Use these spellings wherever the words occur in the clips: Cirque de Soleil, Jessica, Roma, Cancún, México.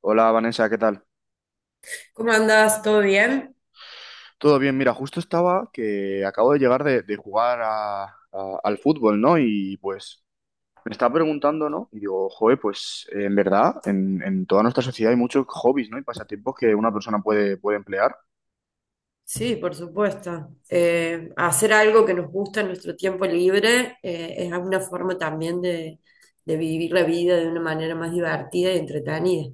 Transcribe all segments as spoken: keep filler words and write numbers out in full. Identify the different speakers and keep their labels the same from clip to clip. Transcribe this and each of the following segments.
Speaker 1: Hola Vanessa, ¿qué tal?
Speaker 2: ¿Cómo andás? ¿Todo bien?
Speaker 1: Todo bien, mira, justo estaba que acabo de llegar de, de jugar a- a- al fútbol, ¿no? Y pues me estaba preguntando, ¿no? Y digo, joder, pues eh, en verdad, en, en toda nuestra sociedad hay muchos hobbies, ¿no? Y pasatiempos que una persona puede, puede emplear.
Speaker 2: Sí, por supuesto. Eh, hacer algo que nos gusta en nuestro tiempo libre eh, es una forma también de, de vivir la vida de una manera más divertida y entretenida.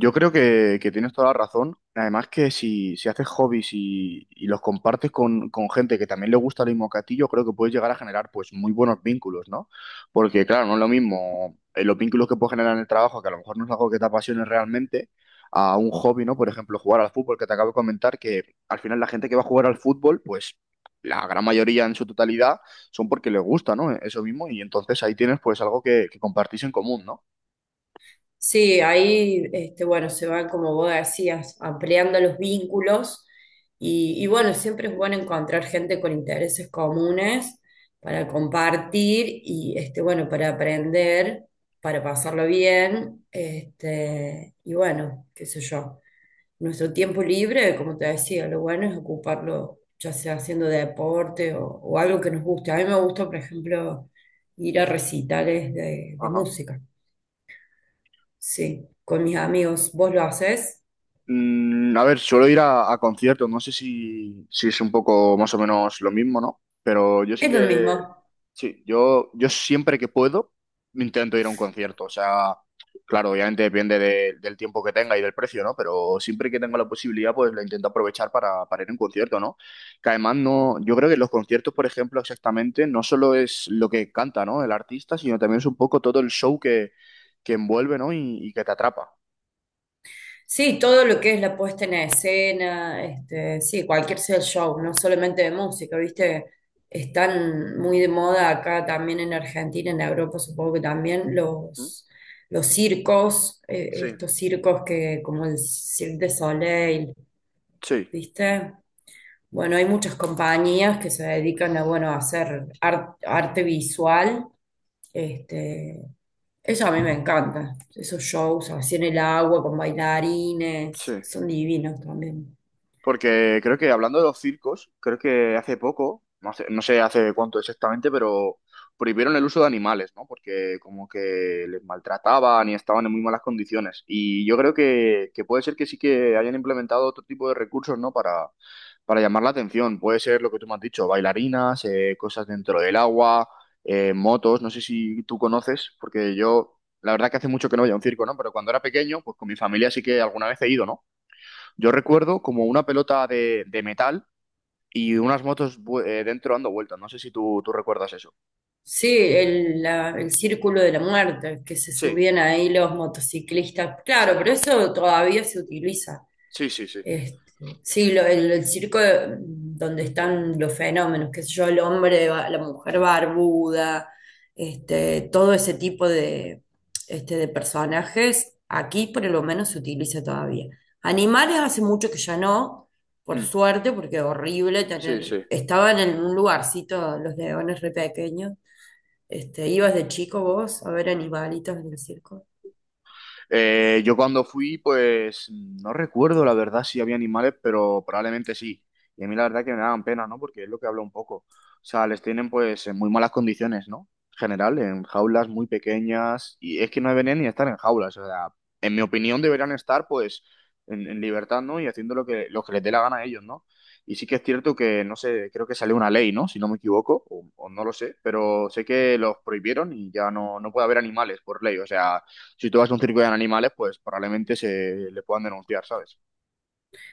Speaker 1: Yo creo que, que tienes toda la razón. Además que si, si haces hobbies y, y los compartes con, con gente que también le gusta lo mismo que a ti, yo creo que puedes llegar a generar pues muy buenos vínculos, ¿no? Porque claro, no es lo mismo eh, los vínculos que puedes generar en el trabajo, que a lo mejor no es algo que te apasione realmente, a un hobby, ¿no? Por ejemplo, jugar al fútbol, que te acabo de comentar, que al final la gente que va a jugar al fútbol, pues la gran mayoría en su totalidad son porque les gusta, ¿no? Eso mismo, y entonces ahí tienes pues algo que, que compartís en común, ¿no?
Speaker 2: Sí, ahí, este, bueno, se van, como vos decías, ampliando los vínculos y, y bueno, siempre es bueno encontrar gente con intereses comunes para compartir y, este, bueno, para aprender, para pasarlo bien, este, y bueno, qué sé yo. Nuestro tiempo libre, como te decía, lo bueno es ocuparlo ya sea haciendo deporte o, o algo que nos guste. A mí me gusta, por ejemplo, ir a recitales de, de
Speaker 1: Ajá.
Speaker 2: música, sí, con mis amigos. ¿Vos lo haces?
Speaker 1: Mm, a ver, suelo ir a, a conciertos, no sé si, si es un poco más o menos lo mismo, ¿no? Pero yo sí
Speaker 2: Es lo
Speaker 1: que,
Speaker 2: mismo.
Speaker 1: sí, yo, yo siempre que puedo intento ir a un concierto, o sea, claro, obviamente depende de- del tiempo que tenga y del precio, ¿no? Pero siempre que tenga la posibilidad, pues la intento aprovechar para, para ir a un concierto, ¿no? Que además no, yo creo que los conciertos, por ejemplo, exactamente, no solo es lo que canta, ¿no? El artista, sino también es un poco todo el show que, que envuelve, ¿no? Y, y que te atrapa.
Speaker 2: Sí, todo lo que es la puesta en escena, este, sí, cualquier sea el show, no solamente de música, ¿viste? Están muy de moda acá también en Argentina, en Europa supongo que también
Speaker 1: ¿Mm?
Speaker 2: los los circos, eh,
Speaker 1: Sí,
Speaker 2: estos circos que, como el Cirque de Soleil,
Speaker 1: sí.
Speaker 2: ¿viste? Bueno, hay muchas compañías que se dedican a, bueno, a hacer ar- arte visual. Este, eso a mí me encanta. Esos shows así en el agua con
Speaker 1: Sí,
Speaker 2: bailarines, son divinos también.
Speaker 1: porque creo que hablando de los circos, creo que hace poco, no sé, no sé hace cuánto exactamente, pero prohibieron el uso de animales, ¿no? Porque como que les maltrataban y estaban en muy malas condiciones. Y yo creo que, que puede ser que sí que hayan implementado otro tipo de recursos, ¿no? Para, para llamar la atención. Puede ser lo que tú me has dicho, bailarinas, eh, cosas dentro del agua, eh, motos, no sé si tú conoces, porque yo, la verdad que hace mucho que no voy a un circo, ¿no? Pero cuando era pequeño, pues con mi familia sí que alguna vez he ido, ¿no? Yo recuerdo como una pelota de, de metal y unas motos bu- eh, dentro dando vueltas. No sé si tú, tú recuerdas eso.
Speaker 2: Sí, el, la- el círculo de la muerte, que se
Speaker 1: Sí,
Speaker 2: subían ahí los motociclistas. Claro, pero
Speaker 1: exacto.
Speaker 2: eso todavía se utiliza.
Speaker 1: Sí, sí, sí.
Speaker 2: Este, sí, lo- el, el circo eh, donde están los fenómenos, qué sé yo, el hombre, ba- la mujer barbuda, este, todo ese tipo de, este, de personajes, aquí por lo menos se utiliza todavía. Animales hace mucho que ya no, por
Speaker 1: Mm,
Speaker 2: suerte, porque horrible
Speaker 1: sí,
Speaker 2: tener,
Speaker 1: sí.
Speaker 2: estaban en un lugarcito los leones re pequeños. Este, ¿ibas de chico vos a ver animalitos en el circo?
Speaker 1: Eh, yo cuando fui, pues no recuerdo la verdad si había animales, pero probablemente sí. Y a mí la verdad que me daban pena, ¿no? Porque es lo que hablo un poco. O sea, les tienen pues en muy malas condiciones, ¿no? En general, en jaulas muy pequeñas. Y es que no deberían ni estar en jaulas. O sea, en mi opinión deberían estar pues en, en libertad, ¿no? Y haciendo lo que, lo que les dé la gana a ellos, ¿no? Y sí que es cierto que, no sé, creo que salió una ley, ¿no? Si no me equivoco, o, o no lo sé, pero sé que los prohibieron y ya no, no puede haber animales por ley. O sea, si tú vas a un circo de animales, pues probablemente se le puedan denunciar, ¿sabes?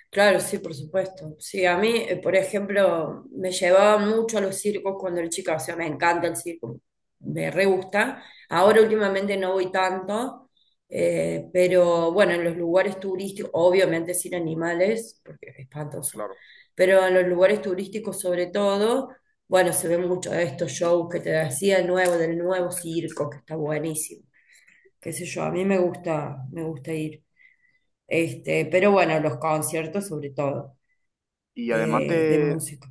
Speaker 2: Claro, sí, por supuesto. Sí, a mí, eh, por ejemplo, me llevaban mucho a los circos cuando era chica, o sea, me encanta el circo, me re gusta. Ahora últimamente no voy tanto, eh, pero bueno, en los lugares turísticos, obviamente sin animales, porque es espantoso,
Speaker 1: Claro.
Speaker 2: pero en los lugares turísticos sobre todo, bueno, se ve mucho de estos shows que te decía, el nuevo, del nuevo circo, que está buenísimo, qué sé yo, a mí me gusta, me gusta ir. Este, pero bueno, los conciertos sobre todo,
Speaker 1: Y además
Speaker 2: eh, de
Speaker 1: de,
Speaker 2: música.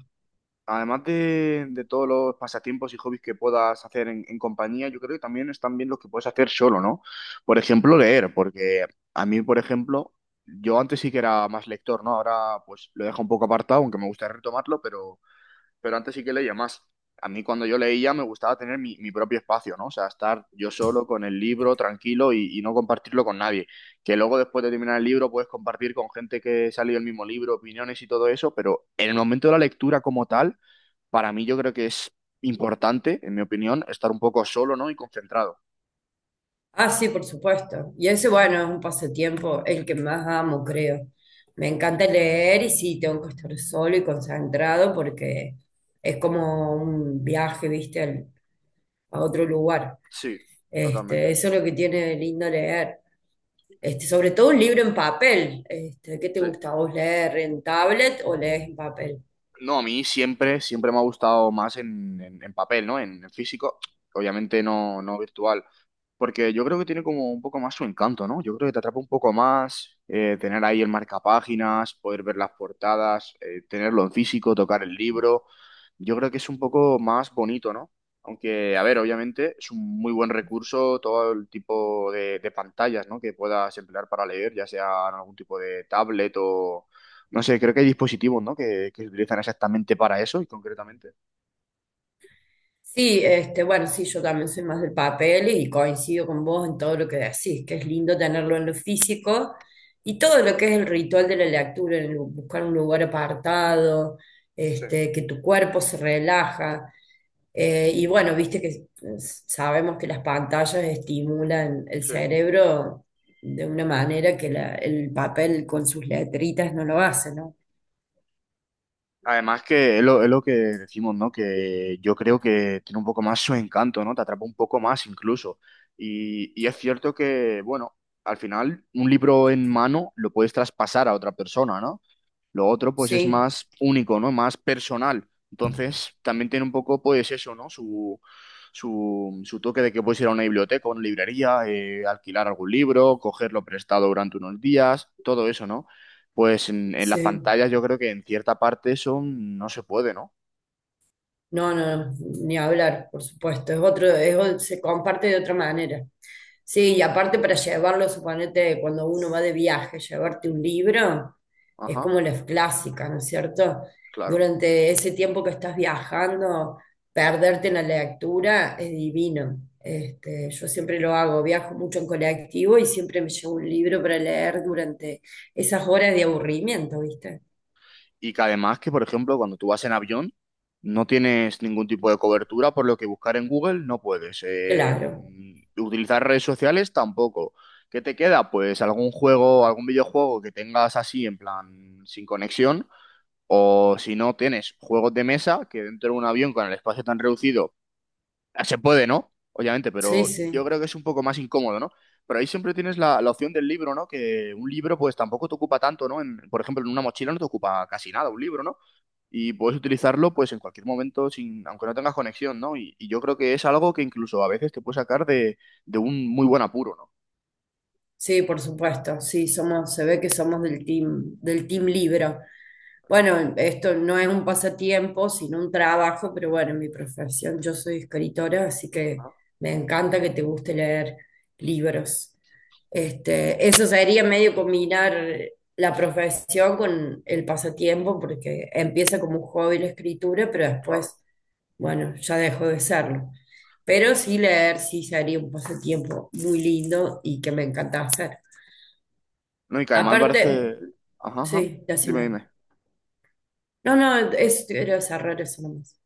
Speaker 1: además de, de todos los pasatiempos y hobbies que puedas hacer en, en compañía, yo creo que también están bien los que puedes hacer solo, ¿no? Por ejemplo, leer, porque a mí, por ejemplo, yo antes sí que era más lector, ¿no? Ahora pues lo dejo un poco apartado, aunque me gusta retomarlo, pero pero antes sí que leía más. A mí cuando yo leía me gustaba tener mi, mi propio espacio, ¿no? O sea, estar yo solo con el libro, tranquilo y, y no compartirlo con nadie. Que luego después de terminar el libro puedes compartir con gente que se ha leído el mismo libro, opiniones y todo eso, pero en el momento de la lectura como tal, para mí yo creo que es importante, en mi opinión, estar un poco solo, ¿no? Y concentrado.
Speaker 2: Ah, sí, por supuesto. Y ese, bueno, es un pasatiempo, el que más amo, creo. Me encanta leer y sí, tengo que estar solo y concentrado porque es como un viaje, viste, al- a otro lugar.
Speaker 1: Sí,
Speaker 2: Este,
Speaker 1: totalmente.
Speaker 2: eso es lo que tiene de lindo leer. Este, sobre todo un libro en papel. Este, ¿qué te
Speaker 1: Sí.
Speaker 2: gusta? ¿Vos leer en tablet o lees en papel?
Speaker 1: No, a mí siempre, siempre me ha gustado más en, en- en papel, ¿no? En, en físico, obviamente no, no virtual, porque yo creo que tiene como un poco más su encanto, ¿no? Yo creo que te atrapa un poco más eh, tener ahí el marcapáginas, poder ver las portadas, eh, tenerlo en físico, tocar el libro. Yo creo que es un poco más bonito, ¿no? Aunque, a ver, obviamente es un muy buen recurso todo el tipo de, de pantallas, ¿no? Que puedas emplear para leer, ya sea en algún tipo de tablet no sé, creo que hay dispositivos, ¿no? Que, que se utilizan exactamente para eso y concretamente.
Speaker 2: Sí, este, bueno, sí, yo también soy más del papel y coincido con vos en todo lo que decís, que es lindo tenerlo en lo físico y todo lo que es el ritual de la lectura, el bu- buscar un lugar apartado,
Speaker 1: Sí,
Speaker 2: este, que tu cuerpo se relaja. Eh, y bueno, viste que s- sabemos que las pantallas estimulan el
Speaker 1: sí.
Speaker 2: cerebro de una manera que la- el papel con sus letritas no lo hace, ¿no?
Speaker 1: Además que es lo, es lo que decimos, ¿no? Que yo creo que tiene un poco más su encanto, ¿no? Te atrapa un poco más incluso. Y, y es cierto que, bueno, al final un libro en mano lo puedes traspasar a otra persona, ¿no? Lo otro, pues, es
Speaker 2: Sí,
Speaker 1: más único, ¿no? Más personal. Entonces, también tiene un poco, pues, eso, ¿no? Su, su, su toque de que puedes ir a una biblioteca, una librería, eh, alquilar algún libro, cogerlo prestado durante unos días, todo eso, ¿no? Pues en, en las
Speaker 2: sí.
Speaker 1: pantallas yo creo que en cierta parte eso no se puede, ¿no?
Speaker 2: No, no, ni hablar, por supuesto. Es otro, es o- se comparte de otra manera. Sí, y aparte para llevarlo, suponete, cuando uno va de viaje, llevarte un libro, es
Speaker 1: Ajá,
Speaker 2: como la clásica, ¿no es cierto?
Speaker 1: claro.
Speaker 2: Durante ese tiempo que estás viajando, perderte en la lectura es divino. Este, yo siempre lo hago, viajo mucho en colectivo y siempre me llevo un libro para leer durante esas horas de aburrimiento, ¿viste?
Speaker 1: Y que además que, por ejemplo, cuando tú vas en avión, no tienes ningún tipo de cobertura, por lo que buscar en Google no puedes. Eh,
Speaker 2: Claro,
Speaker 1: utilizar redes sociales tampoco. ¿Qué te queda? Pues algún juego, algún videojuego que tengas así en plan sin conexión. O si no, tienes juegos de mesa que dentro de un avión con el espacio tan reducido. Ah, se puede, ¿no? Obviamente,
Speaker 2: sí,
Speaker 1: pero yo
Speaker 2: sí.
Speaker 1: creo que es un poco más incómodo, ¿no? Pero ahí siempre tienes la, la opción del libro, ¿no? Que un libro pues tampoco te ocupa tanto, ¿no? En- por ejemplo, en una mochila no te ocupa casi nada un libro, ¿no? Y puedes utilizarlo pues en cualquier momento, sin, aunque no tengas conexión, ¿no? Y, y yo creo que es algo que incluso a veces te puede sacar de, de un muy buen apuro, ¿no?
Speaker 2: Sí, por supuesto, sí, somos, se ve que somos del team, del team libro. Bueno, esto no es un pasatiempo, sino un trabajo, pero bueno, en mi profesión yo soy escritora, así que
Speaker 1: Ajá,
Speaker 2: me encanta que te guste leer libros. Este, eso sería medio combinar la profesión con el pasatiempo, porque empieza como un hobby la escritura, pero
Speaker 1: claro.
Speaker 2: después, bueno, ya dejó de serlo. Pero sí, leer sí sería un pasatiempo muy lindo y que me encanta hacer.
Speaker 1: ¿No? Y que además
Speaker 2: Aparte,
Speaker 1: parece... Ajá,
Speaker 2: sí,
Speaker 1: ajá. Dime,
Speaker 2: decime.
Speaker 1: dime.
Speaker 2: No, no, es, era cerrar eso nomás.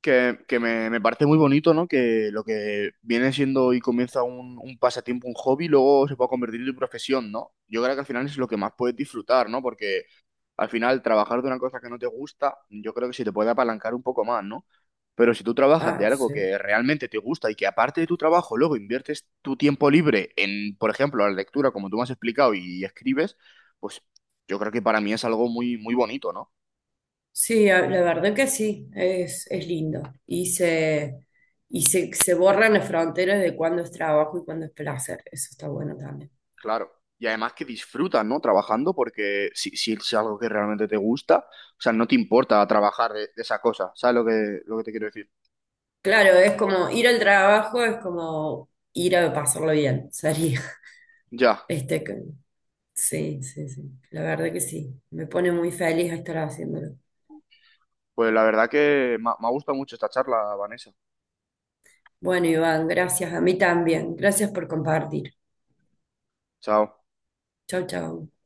Speaker 1: Que, que me, me parece muy bonito, ¿no? Que lo que viene siendo y comienza un, un pasatiempo, un hobby, luego se puede convertir en tu profesión, ¿no? Yo creo que al final es lo que más puedes disfrutar, ¿no? Porque al final trabajar de una cosa que no te gusta, yo creo que se te puede apalancar un poco más, ¿no? Pero si tú trabajas de
Speaker 2: Ah,
Speaker 1: algo
Speaker 2: sí.
Speaker 1: que realmente te gusta y que aparte de tu trabajo luego inviertes tu tiempo libre en, por ejemplo, la lectura, como tú me has explicado, y, escribes, pues yo creo que para mí es algo muy, muy bonito, ¿no?
Speaker 2: Sí, a- la verdad que sí, es, es lindo. Y se, y se, se borran las fronteras de cuándo es trabajo y cuándo es placer. Eso está bueno también.
Speaker 1: Claro. Y además que disfrutas, ¿no? Trabajando, porque si, si es algo que realmente te gusta, o sea, no te importa trabajar de, de esa cosa. ¿Sabes lo que, lo que te quiero decir?
Speaker 2: Claro, es como ir al trabajo, es como ir a pasarlo bien, sería.
Speaker 1: Ya.
Speaker 2: Este, que sí, sí, sí. La verdad que sí. Me pone muy feliz estar haciéndolo.
Speaker 1: Pues la verdad que me, ha- me ha gustado mucho esta charla, Vanessa.
Speaker 2: Bueno, Iván, gracias. A mí también. Gracias por compartir.
Speaker 1: Chao.
Speaker 2: Chau, chau.